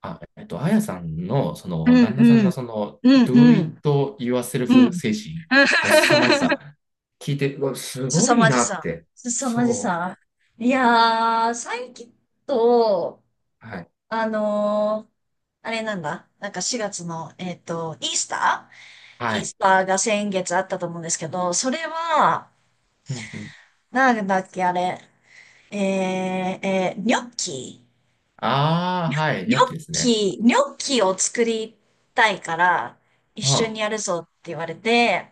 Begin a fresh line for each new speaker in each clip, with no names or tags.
あやさんの、
うん
旦那さん
うん、
の、
うん、う
do it
ん、う
yourself
ん。
精神の凄まじ さ、聞いて、うわ、すご
凄
い
まじ
なっ
さ。
て。
凄まじ
そ
さ。いやー、最近と、
う。はい。
あのーあれなんだ。なんか4月の、イースター
は
イー
い。
スターが先月あったと思うんですけど、それは、
うんうん。
なんだっけ、あれ。ニョッキ。
ああ、はい。
ニ
良
ョッ
きですね。
キ、ニョッキを作りたいから、一
あ
緒に
あ。
やるぞって言われて、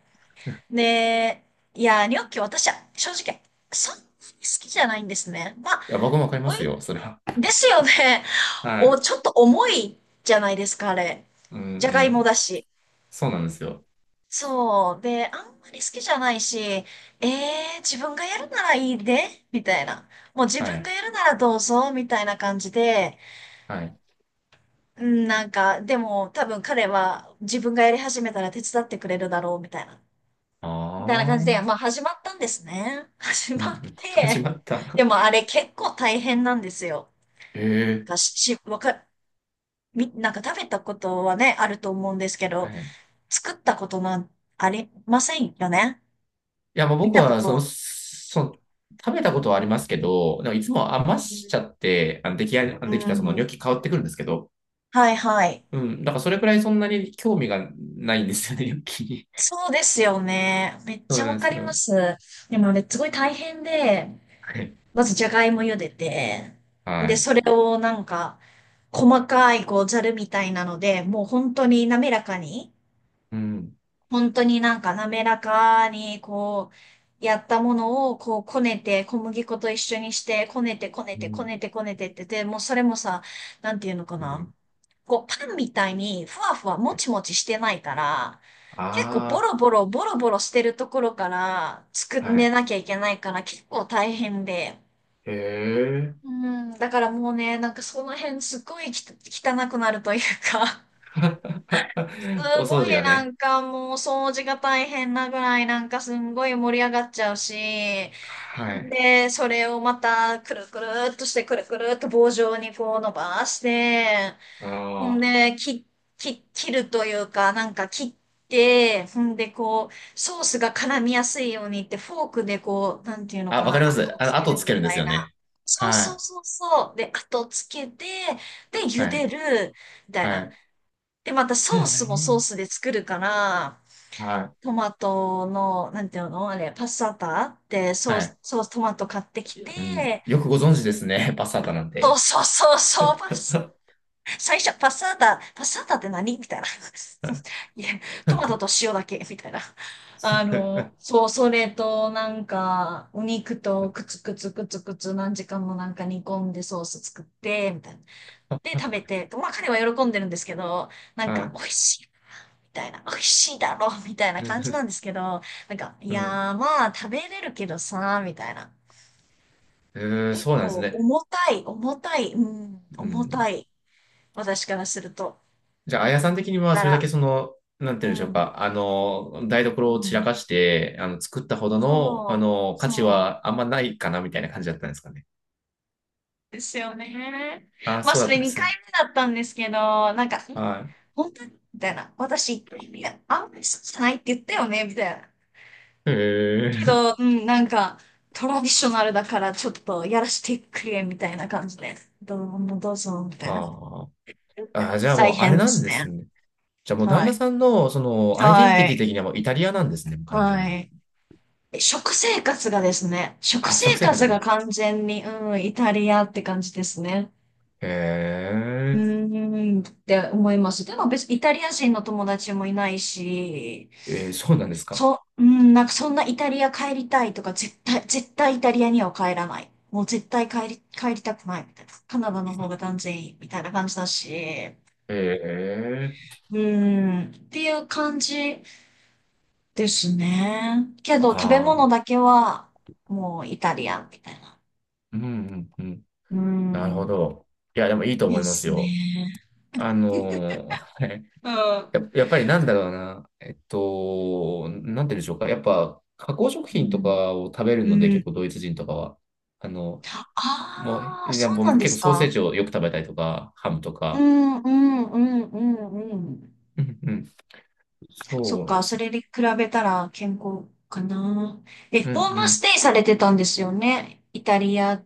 で、いや、ニョッキ私は正直、そんなに好きじゃないんですね。まあ、
いや、僕もわかりま
お
す
い、
よ、それは。
ですよね。
は
お、
い。
ちょっと重いじゃないですか、あれ。
うんう
じゃがいも
ん。
だし。
そうなんですよ。
そう。で、あんまり好きじゃないし、自分がやるならいいで、みたいな。もう自
は
分が
い。
やるならどうぞ、みたいな感じで、
はい。
うん、なんか、でも多分彼は自分がやり始めたら手伝ってくれるだろう、みたいな。
あ
みたいな感
あ。
じ
う
で、
ん
まあ始まったんですね。始
う
まっ
ん。始
て、
まった。
で もあれ結構大変なんですよ。
ええ。
がし、わか、み、なんか食べたことはね、あると思うんですけ
は
ど、
い。
作ったことなんありませんよね。
いや、もう
見
僕
たこ
は、その、
と。
その、食べたことはありますけど、でもいつも余
う
しち
ん。
ゃって、出来合
う
できたそのニ
ん
ョッキ変わってくるんですけど、
はいはい。
うん、だからそれくらいそんなに興味がないんですよね、ニョッキに。
そうですよね。めっ
そ
ち
う
ゃ
な
わ
んで
か
す
りま
よ。
す。でもね、すごい大変で、
はい。
まずじゃがいも茹でて、
は
で、
い。
それをなんか、細かいこうざるみたいなので、もう本当に滑らかに、
うん、
本当になんか滑らかにこう、やったものをこうこねて、小麦粉と一緒にして、こねてこね
う
てこ
ん、
ねてこねてってて、もうそれもさ、なんていうのか
う
な。
ん。
こうパンみたいにふわふわもちもちしてないから、結構ボ
あ
ロボロボロボロしてるところから作
あ、
ん
は
で
い。
なきゃいけないから結構大変で。
へえ。
うん、だからもうね、なんかその辺すっごいき汚くなるというかす
お
ごい
掃除が
な
ね。
んかもう掃除が大変なぐらいなんかすんごい盛り上がっちゃうし、
はい。
で、それをまたくるくるっとしてくるくるっと棒状にこう伸ばして、
あ
ほん
ー
で、切るというかなんか切って、ほんでこう、ソースが絡みやすいようにってフォークでこう、なんていうのか
わかり
な、
ま
後
す。
をつけ
後
る
つ
み
けるんで
たい
すよ
な。
ね。
そう
は
そう
い。
そうそう。で、後をつけて、で、茹
は
で
い。
る、みたい
は
な。
い。
で、また
へ
ソースもソー
え。
スで作るから、
はい。
トマトの、なんていうのあれ、パッサータってソー
はい。
ス、トマト買ってき
うん、
て、
よくご存知ですね、パスタータなん
そう
て。
そうそう そう、最初、パッサータ、パッサータって何みたいな。いや、トマトと塩だけ、みたいな。そう、それと、なんか、お肉とくつくつくつくつ何時間もなんか煮込んでソース作って、みたいな。で、食べて、まあ彼は喜んでるんですけど、なん
は
か、
い。
美味しい。みたいな、美味しいだろ、みたいな感じな
う
んですけど、なんか、い
ん、
やーまあ、食べれるけどさ、みたいな。結
そうなんです
構、
ね。
重たい、重たい、うん、
う
重た
ん。
い。私からすると。
じゃあ、あやさん的には、
だか
それだけ
ら、
なんて言う
う
んでしょう
ん、
か、台
う
所を散ら
ん、
かして、作ったほどの、
そう、
価値
そ
はあんまないかな、みたいな感じだったんですかね。
うですよね。
ああ、
まあ、
そう
そ
だった
れ
んで
2
す
回
ね。
目だったんですけど、なんか、
は
本当にみたいな。私、いや、あんまり好きじゃないって言ったよねみたいな。
い。へ
けど、
え。
うん、なんか、トラディショナルだからちょっとやらしてくれ、みたいな感じで。どうもどうぞ、みたいな。
あーじゃあ
大
もう、あれ
変で
なん
す
で
ね。
すね。じゃあもう、旦
は
那
い。
さんの、アイデンテ
は
ィティ
い。
的にはもう、イタリアなんですね、完全
は
に。
い。食生活がですね、食
あ、食
生
生活
活
だ
が
よ。
完全に、うん、イタリアって感じですね。
え
う
え、
ーん、って思います。でも別にイタリア人の友達もいないし、
そうなんですか。
うん、なんかそんなイタリア帰りたいとか、絶対、絶対イタリアには帰らない。もう絶対帰りたくないみたいな。カナダの方が断然いいみたいな感じだし。
ええ、
うん、っていう感じですね。けど食べ
あ
物
あ、
だけはもうイタリアンみたいな。
うんうんうん。
う
なるほ
ん、
ど。いや、でもいいと思
で
います
す
よ。
ね。
はい
うん。
や、やっぱりなんだろうな。なんて言うんでしょうか。やっぱ、加工食
う
品と
ん、
かを食べるので、
う
結
ん。
構ドイツ人とかは。あの、
ああ、
いや、
そ
も
うなん
う
で
結
す
構ソーセー
か。
ジをよく食べたりとか、ハムと
う
か。
ん、うん、うん、うん、うん。
うんうん。
そ
そ
っ
うなんで
か、
す
そ
よ。
れに比べたら健康かな。え、
うんう
ホームス
ん。
テイされてたんですよね。イタリア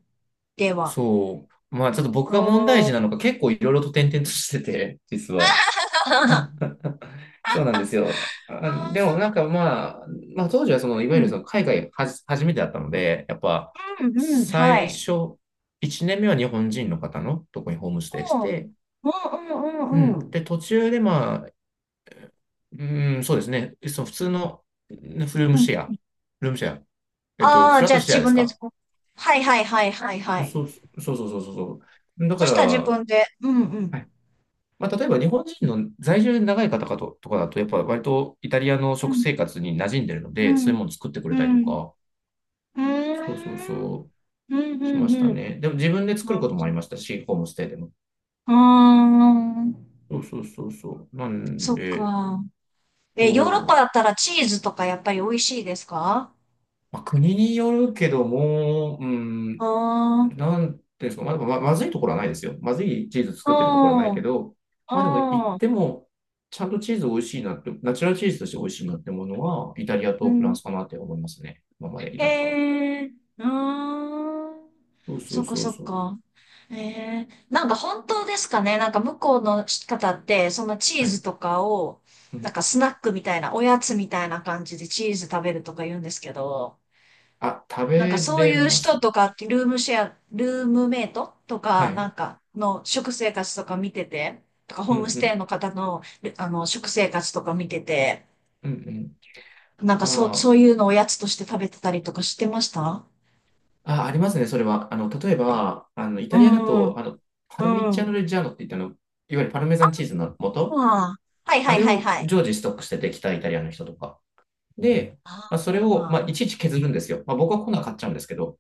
では。
そう。まあ、ちょっと僕が問題
お
児
ー。
なのか、結構いろいろと転々としてて、実は。
あ
そうなんですよ。あ、でもなんかまあ、当時はいわゆるその
ー
海外初めてだったので、やっぱ
うん、うん、うん、は
最
い。
初、1年目は日本人の方のとこにホームステイし
おー
て、
うん、うん、う
うん。
ん、うん。
で、途中でまあ、うん、そうですね。その普通のうんルー
う
ム
ん。
シェア、ルームシェア、
あ
フ
あ、
ラ
じ
ッ
ゃ
ト
あ
シェア
自
で
分
す
で、
か？
はい、はい、はい、はい、はい。
そう、そうそうそうそうそう。だか
そし
ら、
たら自分で、うん、う
は
ん。
いまあ、例えば日本人の在住で長い方かと、とかだと、やっぱ割とイタリアの
う
食
ん、
生活に馴染んでるの
う
で、そう
ん、
いうもの作ってく
う
れたりと
ん。
か、
う
そうそう
ーん、
そ
うん、
う、し
う
ま
ん、
した
うん。
ね。でも自分で作る
う
こ
ん、
ともありましたし、ホームステイでも。
うーん
そうそうそうそう。なん
そっ
で、
か。え、ヨーロッパ
そう。
だったらチーズとかやっぱり美味しいですか？
まあ、国によるけども、う
あ
ん、
あー、
なんていうんですか、まあ、でもまずいところはないですよ。まずいチーズ
う
作ってるところはないけ
ん、
ど、
う
まあでも言っ
ん、
ても、ちゃんとチーズ美味しいなって、ナチュラルチーズとして美味しいなってものは、イタリア
う
とフラン
ん。
スかなって思いますね。今までいたのかなと。
えー、うーん。
そうそ
そっ
う
か
そう
そっ
そう。
か。えー、なんか本当ですかね？なんか向こうの方って、そのチー
はい。
ズとかを、
う
なん
ん。
かスナックみたいな、おやつみたいな感じでチーズ食べるとか言うんですけど、
あ、食
なんか
べ
そう
れ
いう
ます
人
ね。
とかって、ルームシェア、ルームメイトと
は
か、な
い。
んかの食生活とか見てて、とか
う
ホ
ん
ームス
う
テイ
ん。
の方の、あの、食生活とか見てて、
うんうん。
なんかそう、そ
ま
ういうのおやつとして食べてたりとかしてました
あ、ありますね、それは。例えば、イ
う
タリアだ
ん、
と、パルミ
う
チャーノ・
ん。
レッジャーノって言ったの、いわゆるパルメザンチーズの
あ
素、
あ、はい
あ
はい
れ
はい
を
はい。
常時ストックしててきたイタリアの人とか。で、
あ
まあ、それを、まあ、
あ、
いちいち削るんですよ。まあ、僕はこんなは買っちゃうんですけど、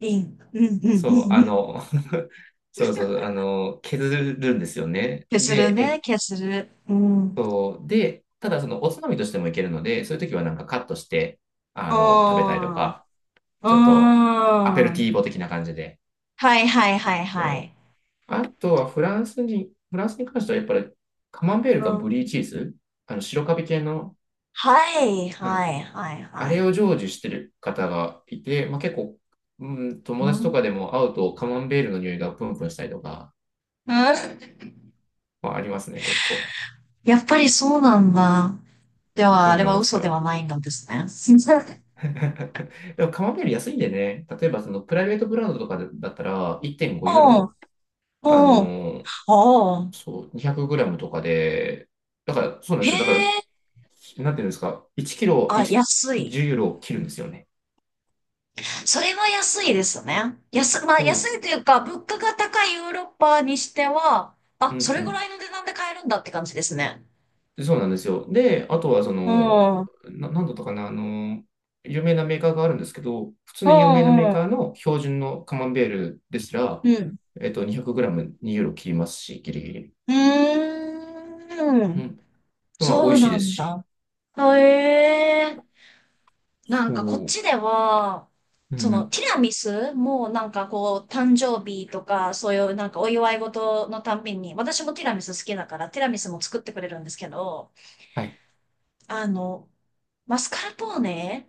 いい。うん、うん、う
そう、
ん、うん。
そうそう、削るんですよね。
消する
で、
ね、消する。うん。
ただそのおつまみとしてもいけるので、そういう時はなんかカットして、
う
食べたりと
ん。
か、
う
ちょっとアペルティーボ
ん。
的な感じで。
はいはいはい
う
は
ん。
い。
あとはフランスに関してはやっぱりカマンベール
う
か
ん
ブリーチーズ、白カビ系の、
はい、
うん
はい、はい、
あ
は
れ
い。
を成就してる方がいて、まあ、結構、うん、友
う
達とか
ん、
でも会うとカマンベールの匂いがプンプンしたりとか、
うん
まあ、ありますね、結構。
やっぱりそうなんだ。では、
そ
あ
う
れ
な
は
んです
嘘では
よ。
ないんですね。
でもカマンベール安いんでね、例えばそのプライベートブランドとかだったら1.5 ユー
おうん、
ロ、あ
おうん、
のー
おう
そう、200グラムとかで、だから、そうなん
へ
ですよ。だから、
え、
なんていうんですか、1キロ、
あ、
1、
安い。
10ユーロを切るんですよね。
それは安いですね。まあ、
そ
安
う。
いというか、物価が高いヨーロッパにしては、
う
あ、
んう
それぐら
ん。
いの値段で買えるんだって感じですね。
そうなんですよ。で、あとは
うん、うん、
なんだったかな、有名なメーカーがあるんですけど、普通
う
の有名なメー
ん、
カーの標準のカマンベールですら、
うん。
200g 2 ユーロ切りますし、ギリギリ。
うー
う
ん、
ん。まあ、美
そう
味しい
な
です
ん
し。
だ。へえ。なん
そ
かこっちでは、
う。う
そ
ん。う
の
ん。
ティラミスもなんかこう誕生日とかそういうなんかお祝い事のたんびに、私もティラミス好きだからティラミスも作ってくれるんですけど、
はい。
あの、マスカルポーネ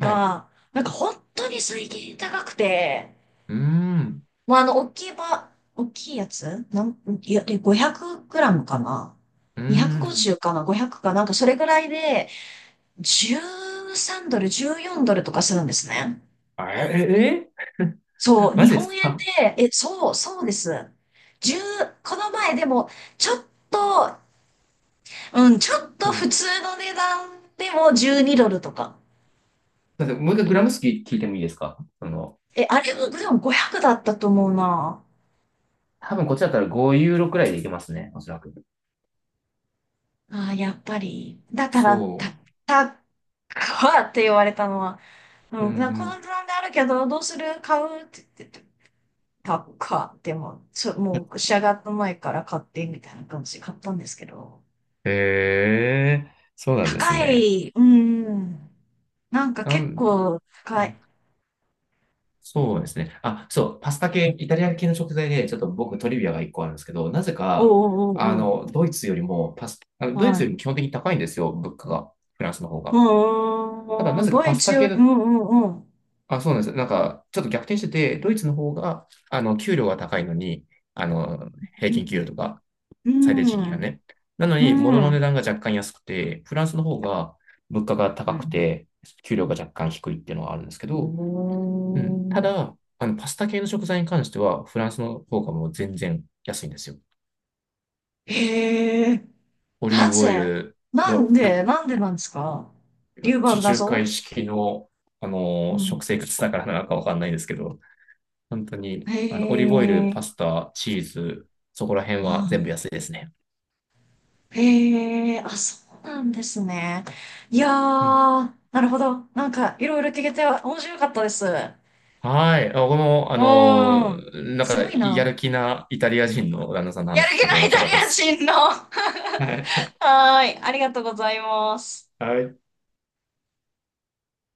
はい。
なんか本当に最近高くて、
うーん。
もうあの大きいやつなん、いや、で、500グラムかな
うーん。
?250 かな ?500 かなんかそれぐらいで13ドル、14ドルとかするんですね。
あえ、
そう、
マ
日
ジで
本
す
円
か？
で、え、そう、そうです。1この前でも、ちょっと、うん、ちょっ
う
と普
ん。
通の値段でも12ドルとか。
だってもう一回グラム数聞いてもいいですか？
え、あれ、でも500だったと思うな。
多分こっちだったら5ユーロくらいでいけますね、おそらく。
ああ、やっぱり。だから、た、
そ
た、かって言われたのは、
う。う
うん、なこの
ん。
値段であるけど、どうする買うって、たかって、でもう、もう仕上がった前から買って、みたいな感じで買ったんですけど。
へえ、そうなんです
高
ね。
い。うん。なんか
な
結
んだ、
構
う
高い。
ん、そうですね。あ、そう、パスタ系、イタリア系の食材で、ちょっと僕トリビアが一個あるんですけど、なぜ
おう
か、
おうおうおう。
ドイ
は
ツよりも
い。
基本的に高いんですよ、物価が、フランスの方
う
が。
ん
ただ、な
うん。
ぜか
ボ
パ
イ
ス
チ
タ
よ
系
り、うん
の、
うんうん。
あ、そうなんです。なんか、ちょっと逆転してて、ドイツの方が、給料が高いのに、あの、平
う
均給料と
ん。
か、
う
最低賃金が
ん。
ね。なの
う
に、物の
ん。
値段が若干安くて、フランスの方が物価が高くて、給料が若干低いっていうのはあるんですけ
う
ど、うん。た
ん。
だ、パスタ系の食材に関しては、フランスの方がもう全然安いんですよ。
へえ。
オリ
な
ーブオイ
ぜ
ル、よ、
なんでなんですか？龍馬
地中海
謎
式の、
うん。
食生活だからなのかわかんないですけど、本当に、
へ
オリーブオイル、
え。
パスタ、チーズ、そこら辺は全部安いですね。
へえ、あ、そうなんですね。いやー、
うん。
なるほど。なんか、いろいろ聞けて面白かったです。う
はい。あ、僕も、
ーん。
なん
す
か、
ごい
や
な。
る気なイタリア人の旦那さんの
やる
話聞
気
け
の
て面
イ
白
タ
かっ
リ
たで
ア
す。
人の。は
はい。
ーい。ありがとうございます。
はい。